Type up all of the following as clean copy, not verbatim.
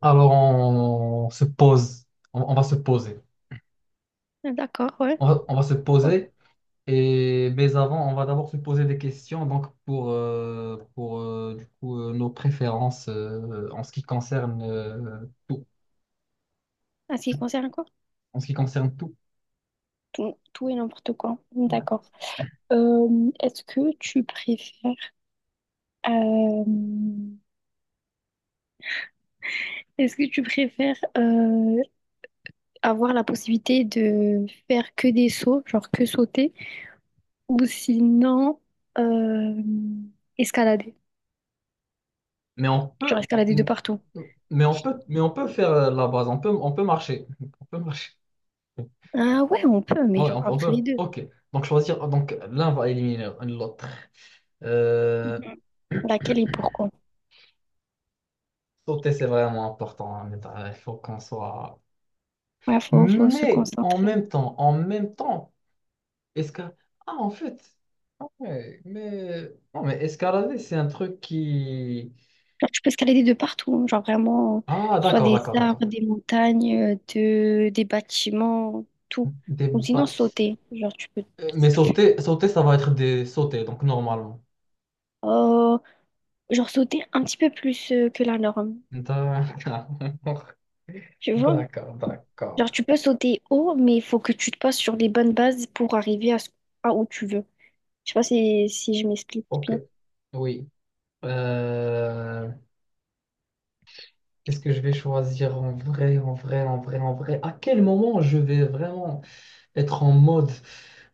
Alors, on se pose, on va se poser. D'accord, ouais. On va se Ouais. poser, et, mais avant, on va d'abord se poser des questions donc pour nos préférences en ce qui concerne tout. En ce qui concerne quoi? En ce qui concerne tout. Tout, tout et n'importe quoi. Ouais. D'accord. Est-ce que tu préfères euh, est-ce que tu préfères avoir la possibilité de faire que des sauts, genre que sauter, ou sinon euh, escalader, Mais on genre peut, escalader de partout? mais on peut, mais on peut faire la base, on peut marcher. On peut marcher. Ouais, Ah ouais, on peut, mais genre on, peut. on entre peut. les deux. Ok. Donc, choisir, donc l'un va éliminer l'autre. Euh, Mhm. Laquelle et pourquoi? Sauter, c'est vraiment important, hein, mais il faut qu'on soit. Ouais, faut se Mais concentrer. En même temps, escalade. Ah, en fait, ah ouais, mais non, mais escalader, c'est un truc qui. Genre, tu peux escalader de partout, hein, genre vraiment, Ah, que ce soit d'accord, des d'accord, d'accord. arbres, des montagnes, des bâtiments, tout. Des Ou sinon ba- sauter, genre tu peux... mais sauter, ça va être des sauter, donc normalement. Euh, genre sauter un petit peu plus que la norme, D'accord, tu vois? d'accord, d'accord. Genre tu peux sauter haut, mais il faut que tu te passes sur les bonnes bases pour arriver à où tu veux. Je sais pas si, si je m'explique Ok, bien. oui. Euh, Qu'est-ce que je vais choisir en vrai, en vrai? À quel moment je vais vraiment être en mode,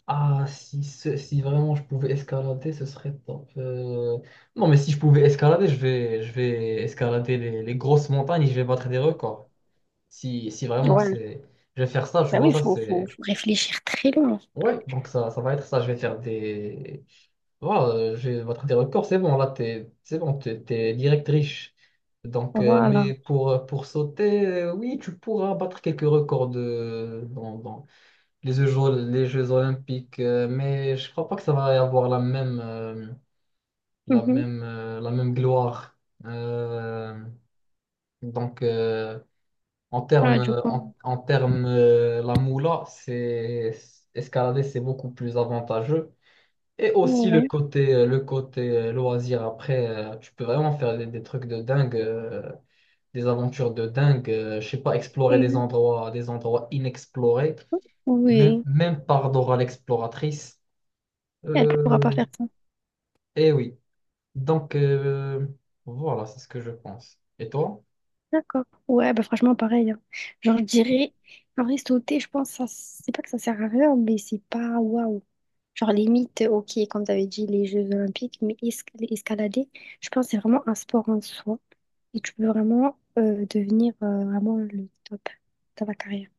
ah, si, si vraiment je pouvais escalader, ce serait top. Non, mais si je pouvais escalader, je vais escalader les grosses montagnes et je vais battre des records. Si, si vraiment Ouais, c'est... Je vais faire ça, tu bah oui, vois, ça c'est... faut réfléchir très loin. Ouais, donc ça va être ça, je vais faire des... Voilà, je vais battre des records, c'est bon, là, t'es, c'est bon, t'es direct riche. Donc, euh, Voilà. mais pour, pour sauter, oui, tu pourras battre quelques records dans les Jeux Olympiques, mais je crois pas que ça va y avoir Mhm. La même gloire. Euh, donc en termes, Ouais, du coup. La moula, c'est escalader, c'est beaucoup plus avantageux. Et aussi Ouais. Le côté loisir. Après, tu peux vraiment faire des trucs de dingue, des aventures de dingue. Je sais pas, explorer des endroits inexplorés, même, Oui, même par Dora l'exploratrice. elle pourra Euh, pas faire ça. eh oui. Donc, voilà, c'est ce que je pense. Et toi? D'accord. Ouais, bah franchement, pareil, hein. Genre, je dirais, en vrai, sauter, je pense, ça, c'est pas que ça sert à rien, mais c'est pas waouh. Genre, limite, ok, comme t'avais dit, les Jeux Olympiques, escalader, je pense, que c'est vraiment un sport en soi. Et tu peux vraiment devenir vraiment le top de ta carrière.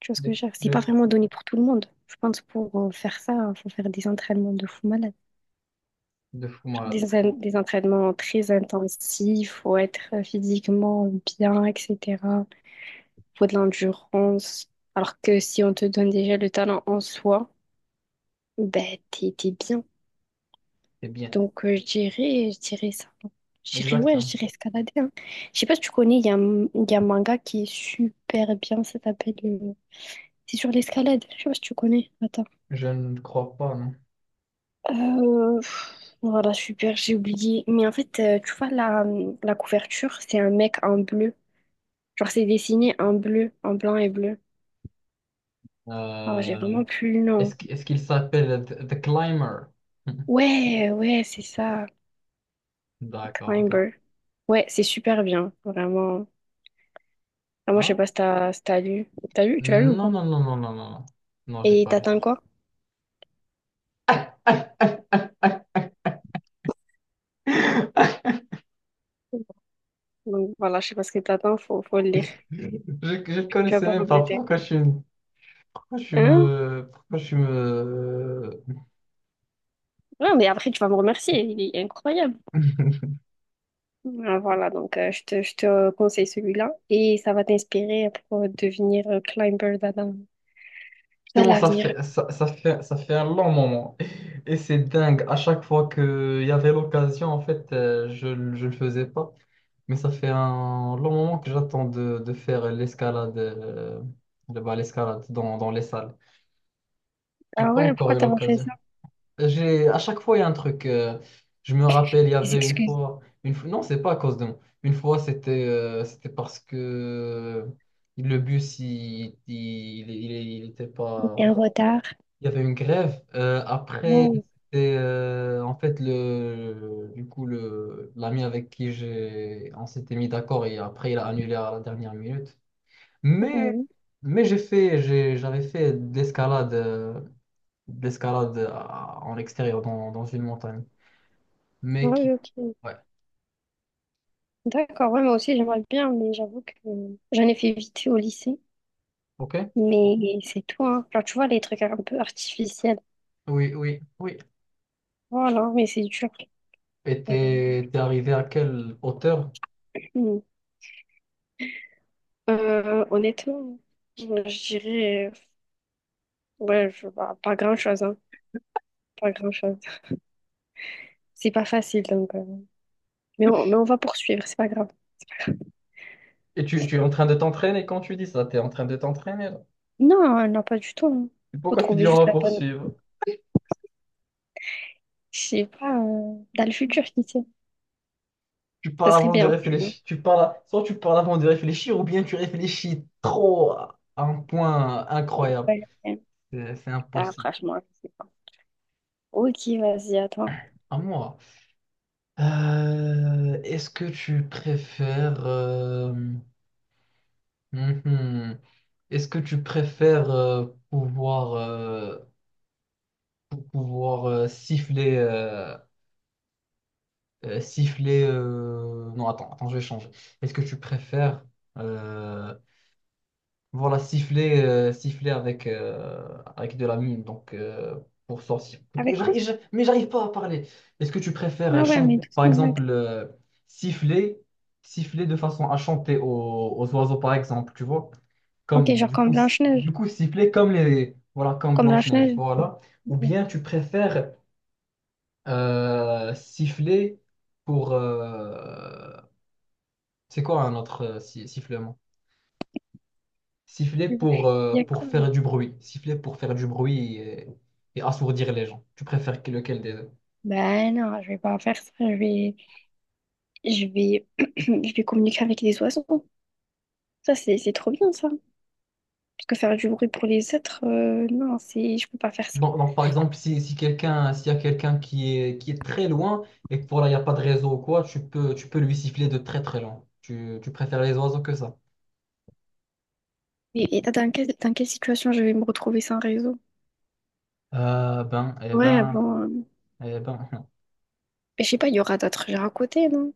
Tu vois ce que Le, je veux dire? C'est pas le, vraiment donné pour tout le monde. Je pense que pour faire ça, il faut faire des entraînements de fou malade. le fou malade. Des entraînements très intensifs, faut être physiquement bien, etc., faut de l'endurance. Alors que si on te donne déjà le talent en soi, ben t'es bien. C'est bien. Donc je dirais ça. Je dirais Exact, ouais, je hein. dirais escalader, hein. Je sais pas si tu connais, il y a un manga qui est super bien, ça s'appelle... C'est sur l'escalade, je sais pas si tu connais. Attends. Je ne crois pas, non. Voilà, super, j'ai oublié. Mais en fait, tu vois, la couverture, c'est un mec en bleu. Genre, c'est dessiné en bleu, en blanc et bleu. Alors, j'ai Euh, vraiment plus le nom. Est-ce qu'il s'appelle The Climber? Ouais, ouais, c'est ça. D'accord, ok. Climber. Ouais, c'est super bien, vraiment. Ah, moi, je Ah sais ouais? pas si t'as si t'as lu. T'as lu? Tu l'as lu ou Non, pas? non, non, non, non, non. Non, non, j'ai Et pas. t'attends quoi? Donc voilà, je sais pas ce que t'attends, faut le lire. Je, je le Tu vas connaissais pas même pas. regretter. Hein? Pourquoi je suis me, Non, mais après, tu vas me remercier, il est incroyable. Ah, voilà, donc je te conseille celui-là et ça va t'inspirer pour devenir climber dans Justement, l'avenir. Ça fait un long moment. Et c'est dingue. À chaque fois qu'il y avait l'occasion, en fait, je ne le faisais pas. Mais ça fait un long moment que j'attends de faire l'escalade, bah, l'escalade dans les salles. J'ai Ah pas ouais, encore pourquoi eu t'as pas fait l'occasion. ça? J'ai, à chaque fois, il y a un truc. Je me rappelle, il y Des avait excuses. Une fois, non, c'est pas à cause de moi. Une fois, c'était c'était parce que le bus, il était T'es en pas, retard. il y avait une grève. Après, Non. c'était en fait le, du coup le l'ami avec qui j'ai, on s'était mis d'accord et après il a annulé à la dernière minute. Mais Mhm. mais j'ai fait, j'avais fait de l'escalade en extérieur dans une montagne. Ah Mais oui, qui, ok. ouais, D'accord, ouais, moi aussi j'aimerais bien, mais j'avoue que j'en ai fait vite fait au lycée. ok. Mais c'est tout, hein. Genre, tu vois, les trucs un peu artificiels. Oui, oui, oui. Voilà, mais c'est dur. Et C'est vrai. T'es arrivé à quelle hauteur? Hmm. Honnêtement, je dirais, ouais, je, bah, pas grand-chose, hein. Pas grand-chose. C'est pas facile, donc, mais, mais on va poursuivre, c'est pas grave. Et tu es en train de t'entraîner quand tu dis ça, t'es en train de t'entraîner là. Non, non, pas du tout, hein. Faut Pourquoi tu trouver dis on juste va la bonne. poursuivre? Je sais pas, dans le futur, qui sait. Tu Ça parles serait avant de bien, tu vois. réfléchir. Tu parles, soit tu parles avant de réfléchir, ou bien tu réfléchis trop à un point incroyable. Ouais, ouais. C'est Ah, impossible. franchement, je sais pas. Ok, vas-y, à toi. À moi. Est-ce que tu préfères. Mhm. Est-ce que tu préfères pouvoir, euh, pouvoir siffler. Siffler. Non, attends, attends, je vais changer. Est-ce que tu préfères. euh, Voilà, siffler, siffler avec, avec de la mine, donc pour sortir. Ok, Avec quoi? Mais j'arrive pas à parler. Est-ce que tu préfères Ah ouais, mais par doucement, ouais. exemple, siffler, siffler de façon à chanter aux oiseaux, par exemple, tu vois? Ok, Comme, genre du comme coup, si- Du Blanche-Neige. coup, siffler comme les, voilà, comme Comme Blanche-Neige, Blanche-Neige. voilà. Ou Ok. bien tu préfères siffler pour, c'est quoi un autre sifflement? Siffler Je vois. Il y a pour quoi? faire du bruit. Siffler pour faire du bruit et assourdir les gens. Tu préfères lequel des deux? Ben non, je vais pas faire ça. Je vais, je vais communiquer avec les oiseaux. Ça, c'est trop bien, ça. Parce que faire du bruit pour les êtres, non, c'est, je peux pas faire ça. Donc, par exemple, si, si quelqu'un, s'il y a quelqu'un qui est très loin et que voilà, il n'y a pas de réseau ou quoi, tu peux lui siffler de très très loin. Tu préfères les oiseaux que ça? Et dans dans quelle situation je vais me retrouver sans réseau? Euh, ben, eh Ouais, ben, bon, eh ben. je sais pas, il y aura d'autres gens à côté, non?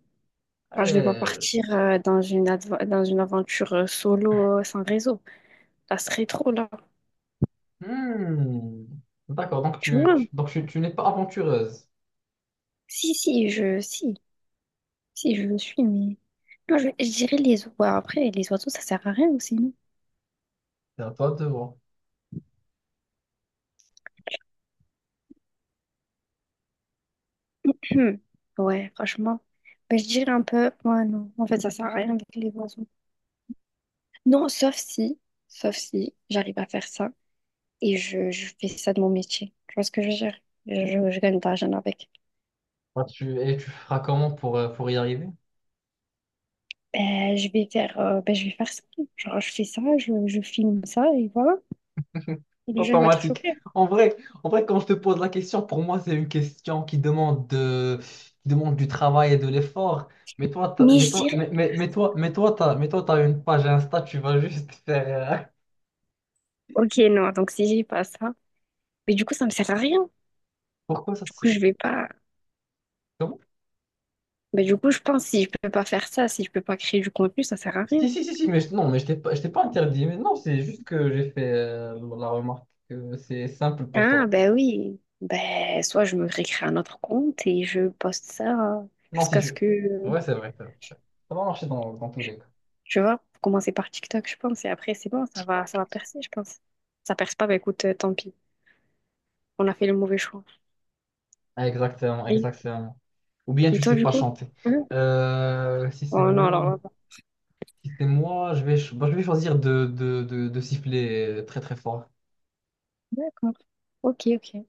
Alors, je vais pas euh, partir dans une aventure solo sans réseau. Ça serait trop, là. hmm. D'accord, Tu vois? Donc tu n'es pas aventureuse. Si, si, je, si, si, je le suis, mais. Non, je dirais les oiseaux. Après, les oiseaux, ça sert à rien aussi, non? T'as pas de devoir. Ouais, franchement. Ben, je dirais un peu. Ouais, non. En fait, ça sert à rien avec les oiseaux. Non, sauf si j'arrive à faire ça et je fais ça de mon métier. Tu vois ce que je veux dire? Je gagne de l'argent avec. Et tu feras comment pour y arriver? Ben, ben, je vais faire ça. Genre, je fais ça, je filme ça et voilà. Et les gens, ils vont être Automatique. choqués. En vrai, En vrai, quand je te pose la question, pour moi, c'est une question qui demande qui demande du travail et de l'effort. Mais toi, t'as- Mais je dirais. Mais toi, t'as une page Insta, tu vas juste faire. Ok, non, donc si j'ai pas ça, mais du coup, ça me sert à rien. Pourquoi ça, Coup, c'est je vais pas. comment? Mais du coup, je pense si je peux pas faire ça, si je peux pas créer du contenu, ça sert à rien. Si, non, mais je t'ai pas interdit. Mais non, c'est juste que j'ai fait la remarque que c'est simple pour Ah, toi. ben oui. Ben, soit je me récrée un autre compte et je poste ça Non, si jusqu'à ce tu. que, Ouais, c'est vrai, c'est vrai. Ça va marcher dans tous les cas. tu vois, faut commencer par TikTok, je pense, et après, c'est bon, ça va percer, je pense. Ça perce pas, ben écoute, tant pis. On a fait le mauvais choix. Exactement, Et, exactement. Ou bien et tu toi, sais du pas coup? chanter. Hein. Euh, si c'est Oh non, alors moi, là, si c'est moi, bah, je vais choisir de siffler très très fort. d'accord. Ok, ok.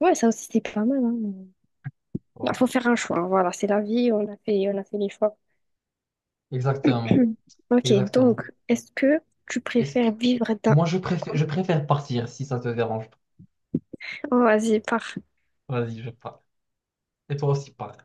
Ouais, ça aussi, c'est pas mal, hein, mais- Bah, faut Voilà. faire un choix, hein, voilà, c'est la vie, on a fait les choix. Exactement. Hmm. Ok, donc, Exactement. est-ce que tu Est-ce que préfères vivre d'un moi Quoi. je préfère partir si ça te dérange. Pas. Oh, vas-y, pars. Vas-y, je pars. Et toi aussi, pars.